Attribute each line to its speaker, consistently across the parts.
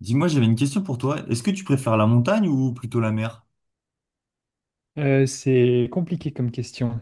Speaker 1: Dis-moi, j'avais une question pour toi. Est-ce que tu préfères la montagne ou plutôt la mer?
Speaker 2: C'est compliqué comme question.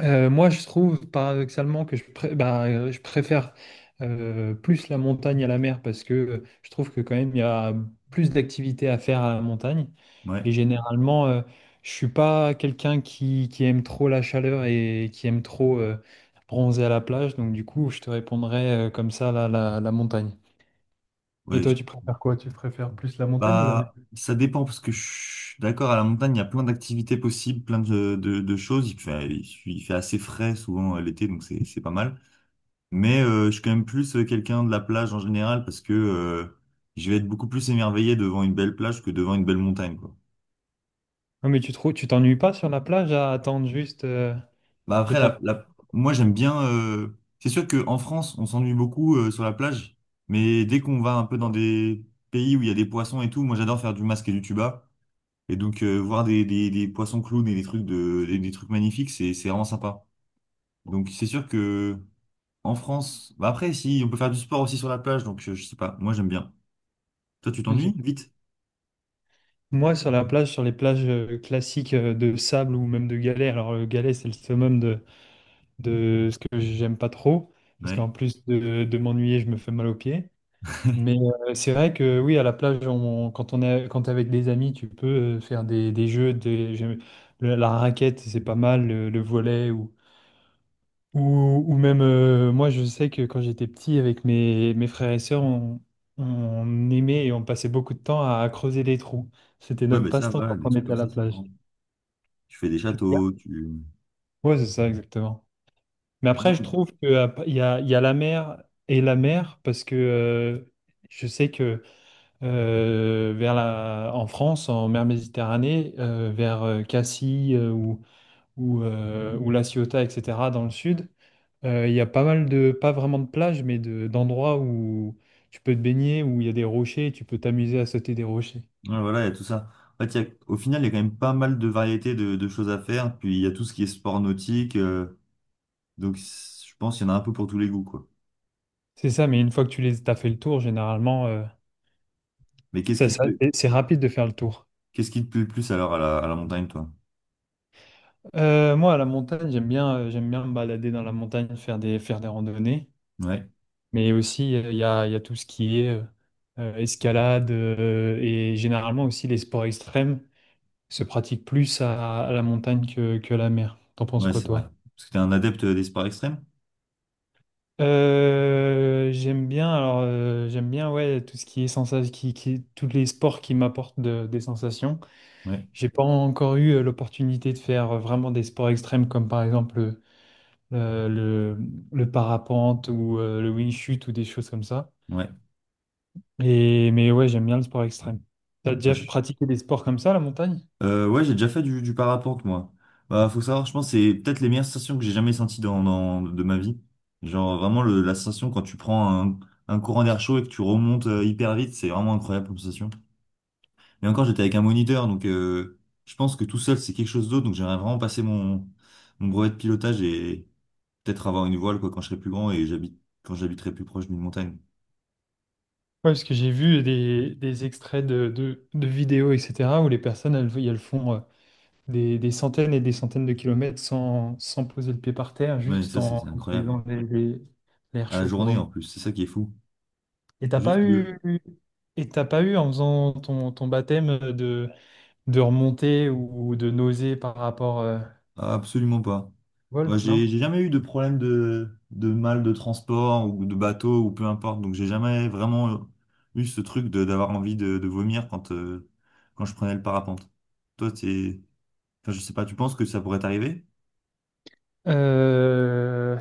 Speaker 2: Moi, je trouve paradoxalement que je préfère plus la montagne à la mer parce que je trouve que quand même il y a plus d'activités à faire à la montagne.
Speaker 1: Ouais,
Speaker 2: Et généralement, je suis pas quelqu'un qui aime trop la chaleur et qui aime trop bronzer à la plage. Donc du coup, je te répondrais comme ça la montagne. Et
Speaker 1: ouais.
Speaker 2: toi, tu préfères quoi? Tu préfères plus la montagne ou la mer?
Speaker 1: Bah, ça dépend parce que je suis d'accord, à la montagne, il y a plein d'activités possibles, plein de choses. Il fait assez frais souvent l'été, donc c'est pas mal. Mais je suis quand même plus quelqu'un de la plage en général parce que je vais être beaucoup plus émerveillé devant une belle plage que devant une belle montagne, quoi.
Speaker 2: Non, mais tu t'ennuies pas sur la plage à attendre juste
Speaker 1: Bah
Speaker 2: le
Speaker 1: après,
Speaker 2: temps.
Speaker 1: moi j'aime bien. C'est sûr qu'en France, on s'ennuie beaucoup sur la plage, mais dès qu'on va un peu dans des pays où il y a des poissons et tout, moi j'adore faire du masque et du tuba. Et donc voir des poissons clowns et des trucs de, des trucs magnifiques, c'est vraiment sympa. Donc c'est sûr que en France, bah après, si on peut faire du sport aussi sur la plage, donc je sais pas, moi j'aime bien. Toi, tu t'ennuies
Speaker 2: Ok.
Speaker 1: vite?
Speaker 2: Moi, sur la plage, sur les plages classiques de sable ou même de galets. Alors le galet, c'est le summum de ce que j'aime pas trop, parce qu'en
Speaker 1: Ouais.
Speaker 2: plus de m'ennuyer, je me fais mal aux pieds. Mais c'est vrai que oui, à la plage, quand quand t'es avec des amis, tu peux faire des jeux, la raquette, c'est pas mal, le volley, ou même, moi, je sais que quand j'étais petit, avec mes frères et sœurs, on aimait et on passait beaucoup de temps à creuser des trous. C'était
Speaker 1: Ouais,
Speaker 2: notre
Speaker 1: bah ça,
Speaker 2: passe-temps
Speaker 1: voilà,
Speaker 2: quand
Speaker 1: des
Speaker 2: on
Speaker 1: trucs
Speaker 2: était
Speaker 1: comme
Speaker 2: à
Speaker 1: ça,
Speaker 2: la
Speaker 1: c'est
Speaker 2: plage.
Speaker 1: vraiment. Tu fais des
Speaker 2: Qu'est-ce qu'il y a?
Speaker 1: châteaux, tu.
Speaker 2: Ouais, c'est ça, exactement. Mais
Speaker 1: Puis
Speaker 2: après, je
Speaker 1: même.
Speaker 2: trouve il y a la mer et la mer, parce que je sais que en France, en mer Méditerranée, vers Cassis ou La Ciotat, etc., dans le sud, il y a pas mal de, pas vraiment de plages, d'endroits où tu peux te baigner, où il y a des rochers, et tu peux t'amuser à sauter des rochers.
Speaker 1: Ouais, voilà, il y a tout ça. En fait, au final, il y a quand même pas mal de variétés de choses à faire. Puis il y a tout ce qui est sport nautique. Je pense qu'il y en a un peu pour tous les goûts, quoi.
Speaker 2: C'est ça, mais une fois que t'as fait le tour, généralement,
Speaker 1: Mais qu'est-ce qui te plaît?
Speaker 2: c'est rapide de faire le tour.
Speaker 1: Qu'est-ce qui te plaît le plus alors à à la montagne, toi?
Speaker 2: Moi, à la montagne, j'aime bien me balader dans la montagne, faire des randonnées.
Speaker 1: Ouais,
Speaker 2: Mais aussi, il y a tout ce qui est escalade et généralement aussi les sports extrêmes se pratiquent plus à la montagne que à la mer. T'en penses
Speaker 1: ouais,
Speaker 2: quoi,
Speaker 1: c'est vrai.
Speaker 2: toi?
Speaker 1: Parce que t'es un adepte des sports extrêmes?
Speaker 2: J'aime bien, alors j'aime bien ouais tout ce qui est sensation, tous les sports qui m'apportent des sensations.
Speaker 1: Ouais,
Speaker 2: J'ai pas encore eu l'opportunité de faire vraiment des sports extrêmes comme par exemple euh, le, le parapente ou le wing chut ou des choses comme ça.
Speaker 1: ouais.
Speaker 2: Mais ouais, j'aime bien le sport extrême. T'as
Speaker 1: Ouais,
Speaker 2: déjà
Speaker 1: je-
Speaker 2: pratiqué des sports comme ça, la montagne?
Speaker 1: ouais, j'ai déjà fait du parapente, moi. Bah, faut savoir, je pense que c'est peut-être les meilleures sensations que j'ai jamais senties de ma vie. Genre vraiment la sensation quand tu prends un courant d'air chaud et que tu remontes hyper vite, c'est vraiment incroyable comme sensation. Et encore, j'étais avec un moniteur, donc je pense que tout seul, c'est quelque chose d'autre. Donc j'aimerais vraiment passer mon brevet de pilotage et peut-être avoir une voile quoi, quand je serai plus grand et j'habite quand j'habiterai plus proche d'une montagne.
Speaker 2: Ouais, parce que j'ai vu des extraits de vidéos, etc., où les personnes, elles font des centaines et des centaines de kilomètres sans poser le pied par terre,
Speaker 1: Ouais,
Speaker 2: juste
Speaker 1: ça,
Speaker 2: en
Speaker 1: c'est incroyable.
Speaker 2: utilisant l'air
Speaker 1: À la
Speaker 2: chaud pour...
Speaker 1: journée en plus, c'est ça qui est fou.
Speaker 2: Et t'as pas
Speaker 1: Juste le...
Speaker 2: eu... Et t'as pas eu, en faisant ton baptême, de remonter ou de nauser par rapport
Speaker 1: Ah, absolument pas.
Speaker 2: au
Speaker 1: Moi,
Speaker 2: vol, non?
Speaker 1: j'ai jamais eu de problème de mal de transport ou de bateau ou peu importe. Donc j'ai jamais vraiment eu ce truc de d'avoir envie de vomir quand, quand je prenais le parapente. Toi, t'es... Enfin, je sais pas, tu penses que ça pourrait t'arriver?
Speaker 2: Euh,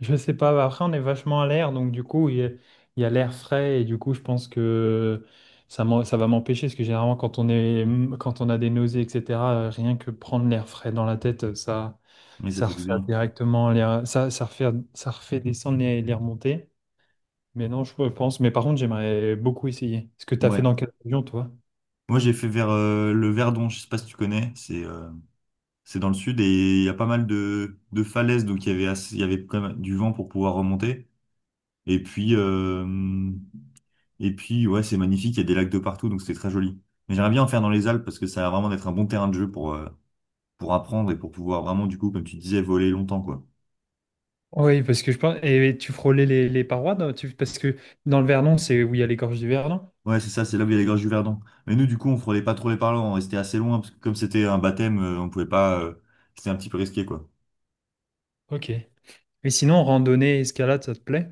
Speaker 2: je sais pas, après on est vachement à l'air, donc du coup il y a l'air frais et du coup je pense que ça va m'empêcher, parce que généralement quand quand on a des nausées, etc., rien que prendre l'air frais dans la tête, ça,
Speaker 1: Oui, ça
Speaker 2: ça
Speaker 1: fait du
Speaker 2: refait
Speaker 1: bien.
Speaker 2: directement l'air, ça, ça refait descendre les remontées. Mais non, je pense, mais par contre j'aimerais beaucoup essayer. Ce que tu as fait
Speaker 1: Ouais.
Speaker 2: dans quelle région toi?
Speaker 1: Moi, j'ai fait vers le Verdon, je sais pas si tu connais, c'est dans le sud et il y a pas mal de falaises, donc il y avait il y avait quand même du vent pour pouvoir remonter. Et puis, euh, et puis ouais, c'est magnifique, il y a des lacs de partout, donc c'était très joli. Mais j'aimerais bien en faire dans les Alpes parce que ça a vraiment d'être un bon terrain de jeu pour apprendre et pour pouvoir vraiment, du coup, comme tu disais, voler longtemps, quoi.
Speaker 2: Oui, parce que je pense, et tu frôlais les parois, non? Parce que dans le Vernon, c'est où il y a les gorges du Vernon?
Speaker 1: Ouais, c'est ça, c'est là où il y a les gorges du Verdon. Mais nous, du coup, on frôlait pas trop les parlants, on restait assez loin, parce que comme c'était un baptême, on pouvait pas, c'était un petit peu risqué, quoi.
Speaker 2: Ok. Et sinon, randonnée, escalade, ça te plaît?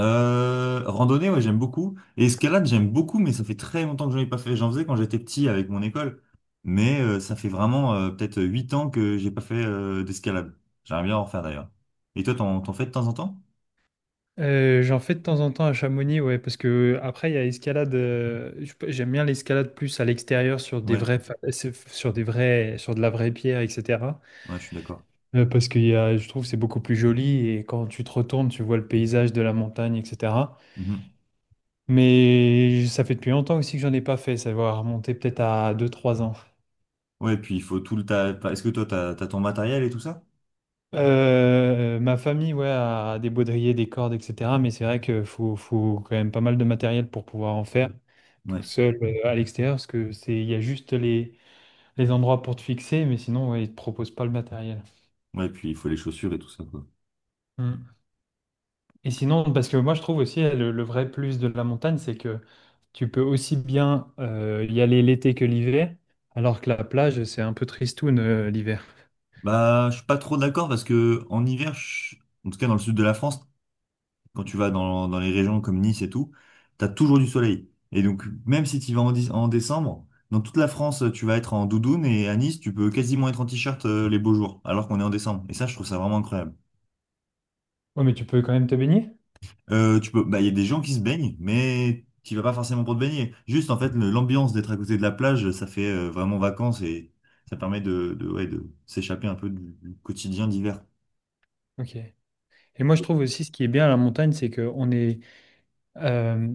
Speaker 1: Randonnée, ouais, j'aime beaucoup. Et escalade, j'aime beaucoup, mais ça fait très longtemps que j'en ai pas fait. J'en faisais quand j'étais petit avec mon école. Mais ça fait vraiment peut-être 8 ans que j'ai pas fait d'escalade. J'aimerais bien en refaire d'ailleurs. Et toi, t'en fais de temps en temps?
Speaker 2: J'en fais de temps en temps à Chamonix, ouais, parce que après, il y a escalade. J'aime bien l'escalade plus à l'extérieur sur des
Speaker 1: Ouais,
Speaker 2: sur des vrais, sur de la vraie pierre, etc.
Speaker 1: ouais, je suis d'accord.
Speaker 2: Parce que je trouve que c'est beaucoup plus joli et quand tu te retournes, tu vois le paysage de la montagne, etc.
Speaker 1: Mhm.
Speaker 2: Mais ça fait depuis longtemps aussi que j'en ai pas fait. Ça va remonter peut-être à deux, trois ans.
Speaker 1: Ouais, puis il faut tout le... enfin, est-ce que toi, t'as ton matériel et tout ça?
Speaker 2: Ma famille, ouais, a des baudriers, des cordes, etc. Mais c'est vrai qu'il faut quand même pas mal de matériel pour pouvoir en faire tout
Speaker 1: Ouais.
Speaker 2: seul à l'extérieur, parce que il y a juste les endroits pour te fixer, mais sinon, ouais, ils te proposent pas le matériel.
Speaker 1: Ouais, puis il faut les chaussures et tout ça, quoi.
Speaker 2: Mm. Et sinon, parce que moi, je trouve aussi le vrai plus de la montagne, c'est que tu peux aussi bien y aller l'été que l'hiver, alors que la plage, c'est un peu tristoun l'hiver.
Speaker 1: Bah, je suis pas trop d'accord parce que en hiver, en tout cas dans le sud de la France, quand tu vas dans les régions comme Nice et tout, tu as toujours du soleil. Et donc, même si tu vas en décembre, dans toute la France, tu vas être en doudoune et à Nice, tu peux quasiment être en t-shirt les beaux jours, alors qu'on est en décembre. Et ça, je trouve ça vraiment incroyable.
Speaker 2: Ouais, mais tu peux quand même te baigner.
Speaker 1: Tu peux, bah, il y a des gens qui se baignent, mais tu vas pas forcément pour te baigner. Juste, en fait, l'ambiance d'être à côté de la plage, ça fait vraiment vacances et ça permet de ouais, de s'échapper un peu du quotidien d'hiver.
Speaker 2: Ok. Et moi, je trouve aussi ce qui est bien à la montagne, c'est qu'on est, euh,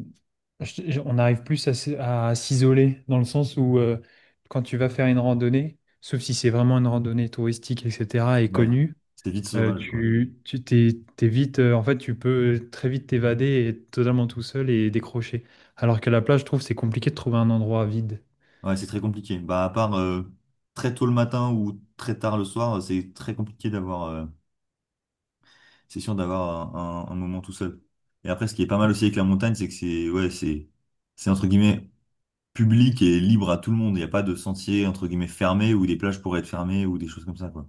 Speaker 2: je- on arrive plus à s'isoler dans le sens où quand tu vas faire une randonnée, sauf si c'est vraiment une randonnée touristique, etc., et
Speaker 1: Ouais,
Speaker 2: connue,
Speaker 1: c'est vite sauvage, quoi.
Speaker 2: t'es vite, en fait, tu peux très vite t'évader et être totalement tout seul et décrocher. Alors qu'à la plage, je trouve que c'est compliqué de trouver un endroit vide.
Speaker 1: Ouais, c'est très compliqué. Bah, à part très tôt le matin ou très tard le soir, c'est très compliqué d'avoir, c'est sûr d'avoir un moment tout seul. Et après, ce qui est pas mal aussi avec la montagne, c'est que c'est entre guillemets public et libre à tout le monde. Il n'y a pas de sentier entre guillemets fermé ou des plages pourraient être fermées ou des choses comme ça, quoi.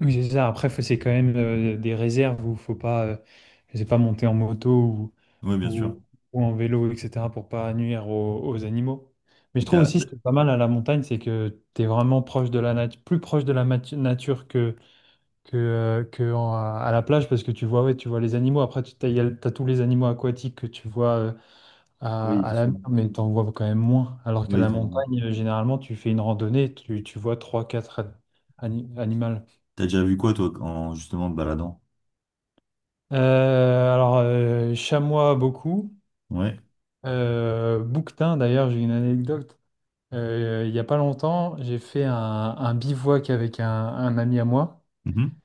Speaker 2: Oui, c'est ça. Après, c'est quand même des réserves où faut pas, je sais pas, monter en moto
Speaker 1: Oui, bien sûr.
Speaker 2: ou, ou en vélo, etc. pour pas nuire aux animaux. Mais je
Speaker 1: Et
Speaker 2: trouve
Speaker 1: t'as,
Speaker 2: aussi ce qui est pas mal à la montagne, c'est que tu es vraiment proche de la nature, plus proche de la nature que en- à la plage parce que tu vois, ouais, tu vois les animaux. Après, tu as, tous les animaux aquatiques que tu vois
Speaker 1: oui,
Speaker 2: à
Speaker 1: c'est
Speaker 2: la mer,
Speaker 1: sûr.
Speaker 2: mais tu en vois quand même moins. Alors qu'à
Speaker 1: Oui,
Speaker 2: la
Speaker 1: t'en-
Speaker 2: montagne, généralement, tu fais une randonnée, tu vois 3 4 animaux.
Speaker 1: t'as déjà vu quoi, toi, en justement te baladant?
Speaker 2: Chamois beaucoup.
Speaker 1: Ouais.
Speaker 2: Bouquetin, d'ailleurs, j'ai une anecdote. Il n'y a pas longtemps, j'ai fait un bivouac avec un ami à moi.
Speaker 1: Mhm.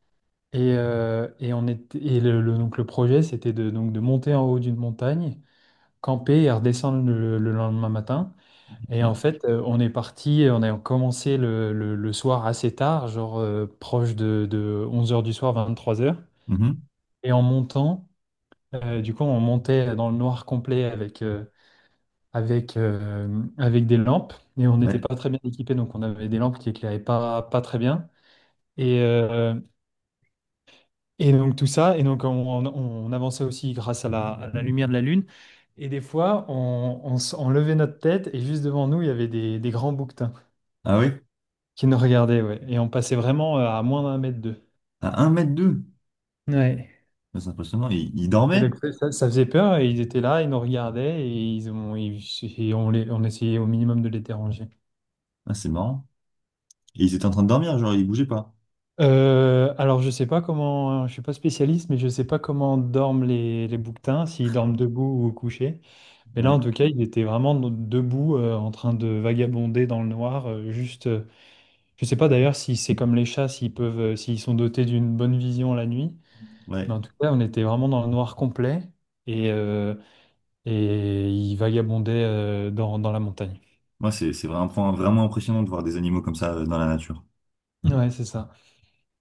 Speaker 2: Et on était, donc le projet, c'était donc de monter en haut d'une montagne, camper et redescendre le lendemain matin. Et
Speaker 1: Ok.
Speaker 2: en fait, on est parti, on a commencé le soir assez tard, genre proche de 11h du soir, 23h.
Speaker 1: Mhm.
Speaker 2: Et en montant, du coup, on montait dans le noir complet avec des lampes et on n'était
Speaker 1: Ouais.
Speaker 2: pas très bien équipés, donc on avait des lampes qui éclairaient pas très bien. Et, euh, et donc tout ça, et donc on- On avançait aussi grâce à à la lumière de la lune. Et des fois, on levait notre tête et juste devant nous, il y avait des grands bouquetins
Speaker 1: Ah ouais?
Speaker 2: qui nous regardaient, ouais. Et on passait vraiment à moins d'un mètre d'eux.
Speaker 1: À un mètre deux.
Speaker 2: Ouais.
Speaker 1: C'est impressionnant. Il
Speaker 2: Et
Speaker 1: dormait?
Speaker 2: donc, ça faisait peur et ils étaient là, ils nous regardaient et on essayait au minimum de les déranger.
Speaker 1: Ah, c'est marrant. Et ils étaient en train de dormir, genre ils bougeaient pas.
Speaker 2: Je sais pas comment, je suis pas spécialiste, mais je sais pas comment dorment les bouquetins, s'ils dorment debout ou couchés. Mais là,
Speaker 1: Ouais,
Speaker 2: en tout cas, il était vraiment debout, en train de vagabonder dans le noir. Je sais pas d'ailleurs si c'est comme les chats, s'ils peuvent, s'ils sont dotés d'une bonne vision la nuit.
Speaker 1: ouais.
Speaker 2: Mais en tout cas, on était vraiment dans le noir complet et, euh, et il vagabondait, dans la montagne.
Speaker 1: Moi, c'est vraiment, vraiment impressionnant de voir des animaux comme ça dans la nature.
Speaker 2: Ouais, c'est ça.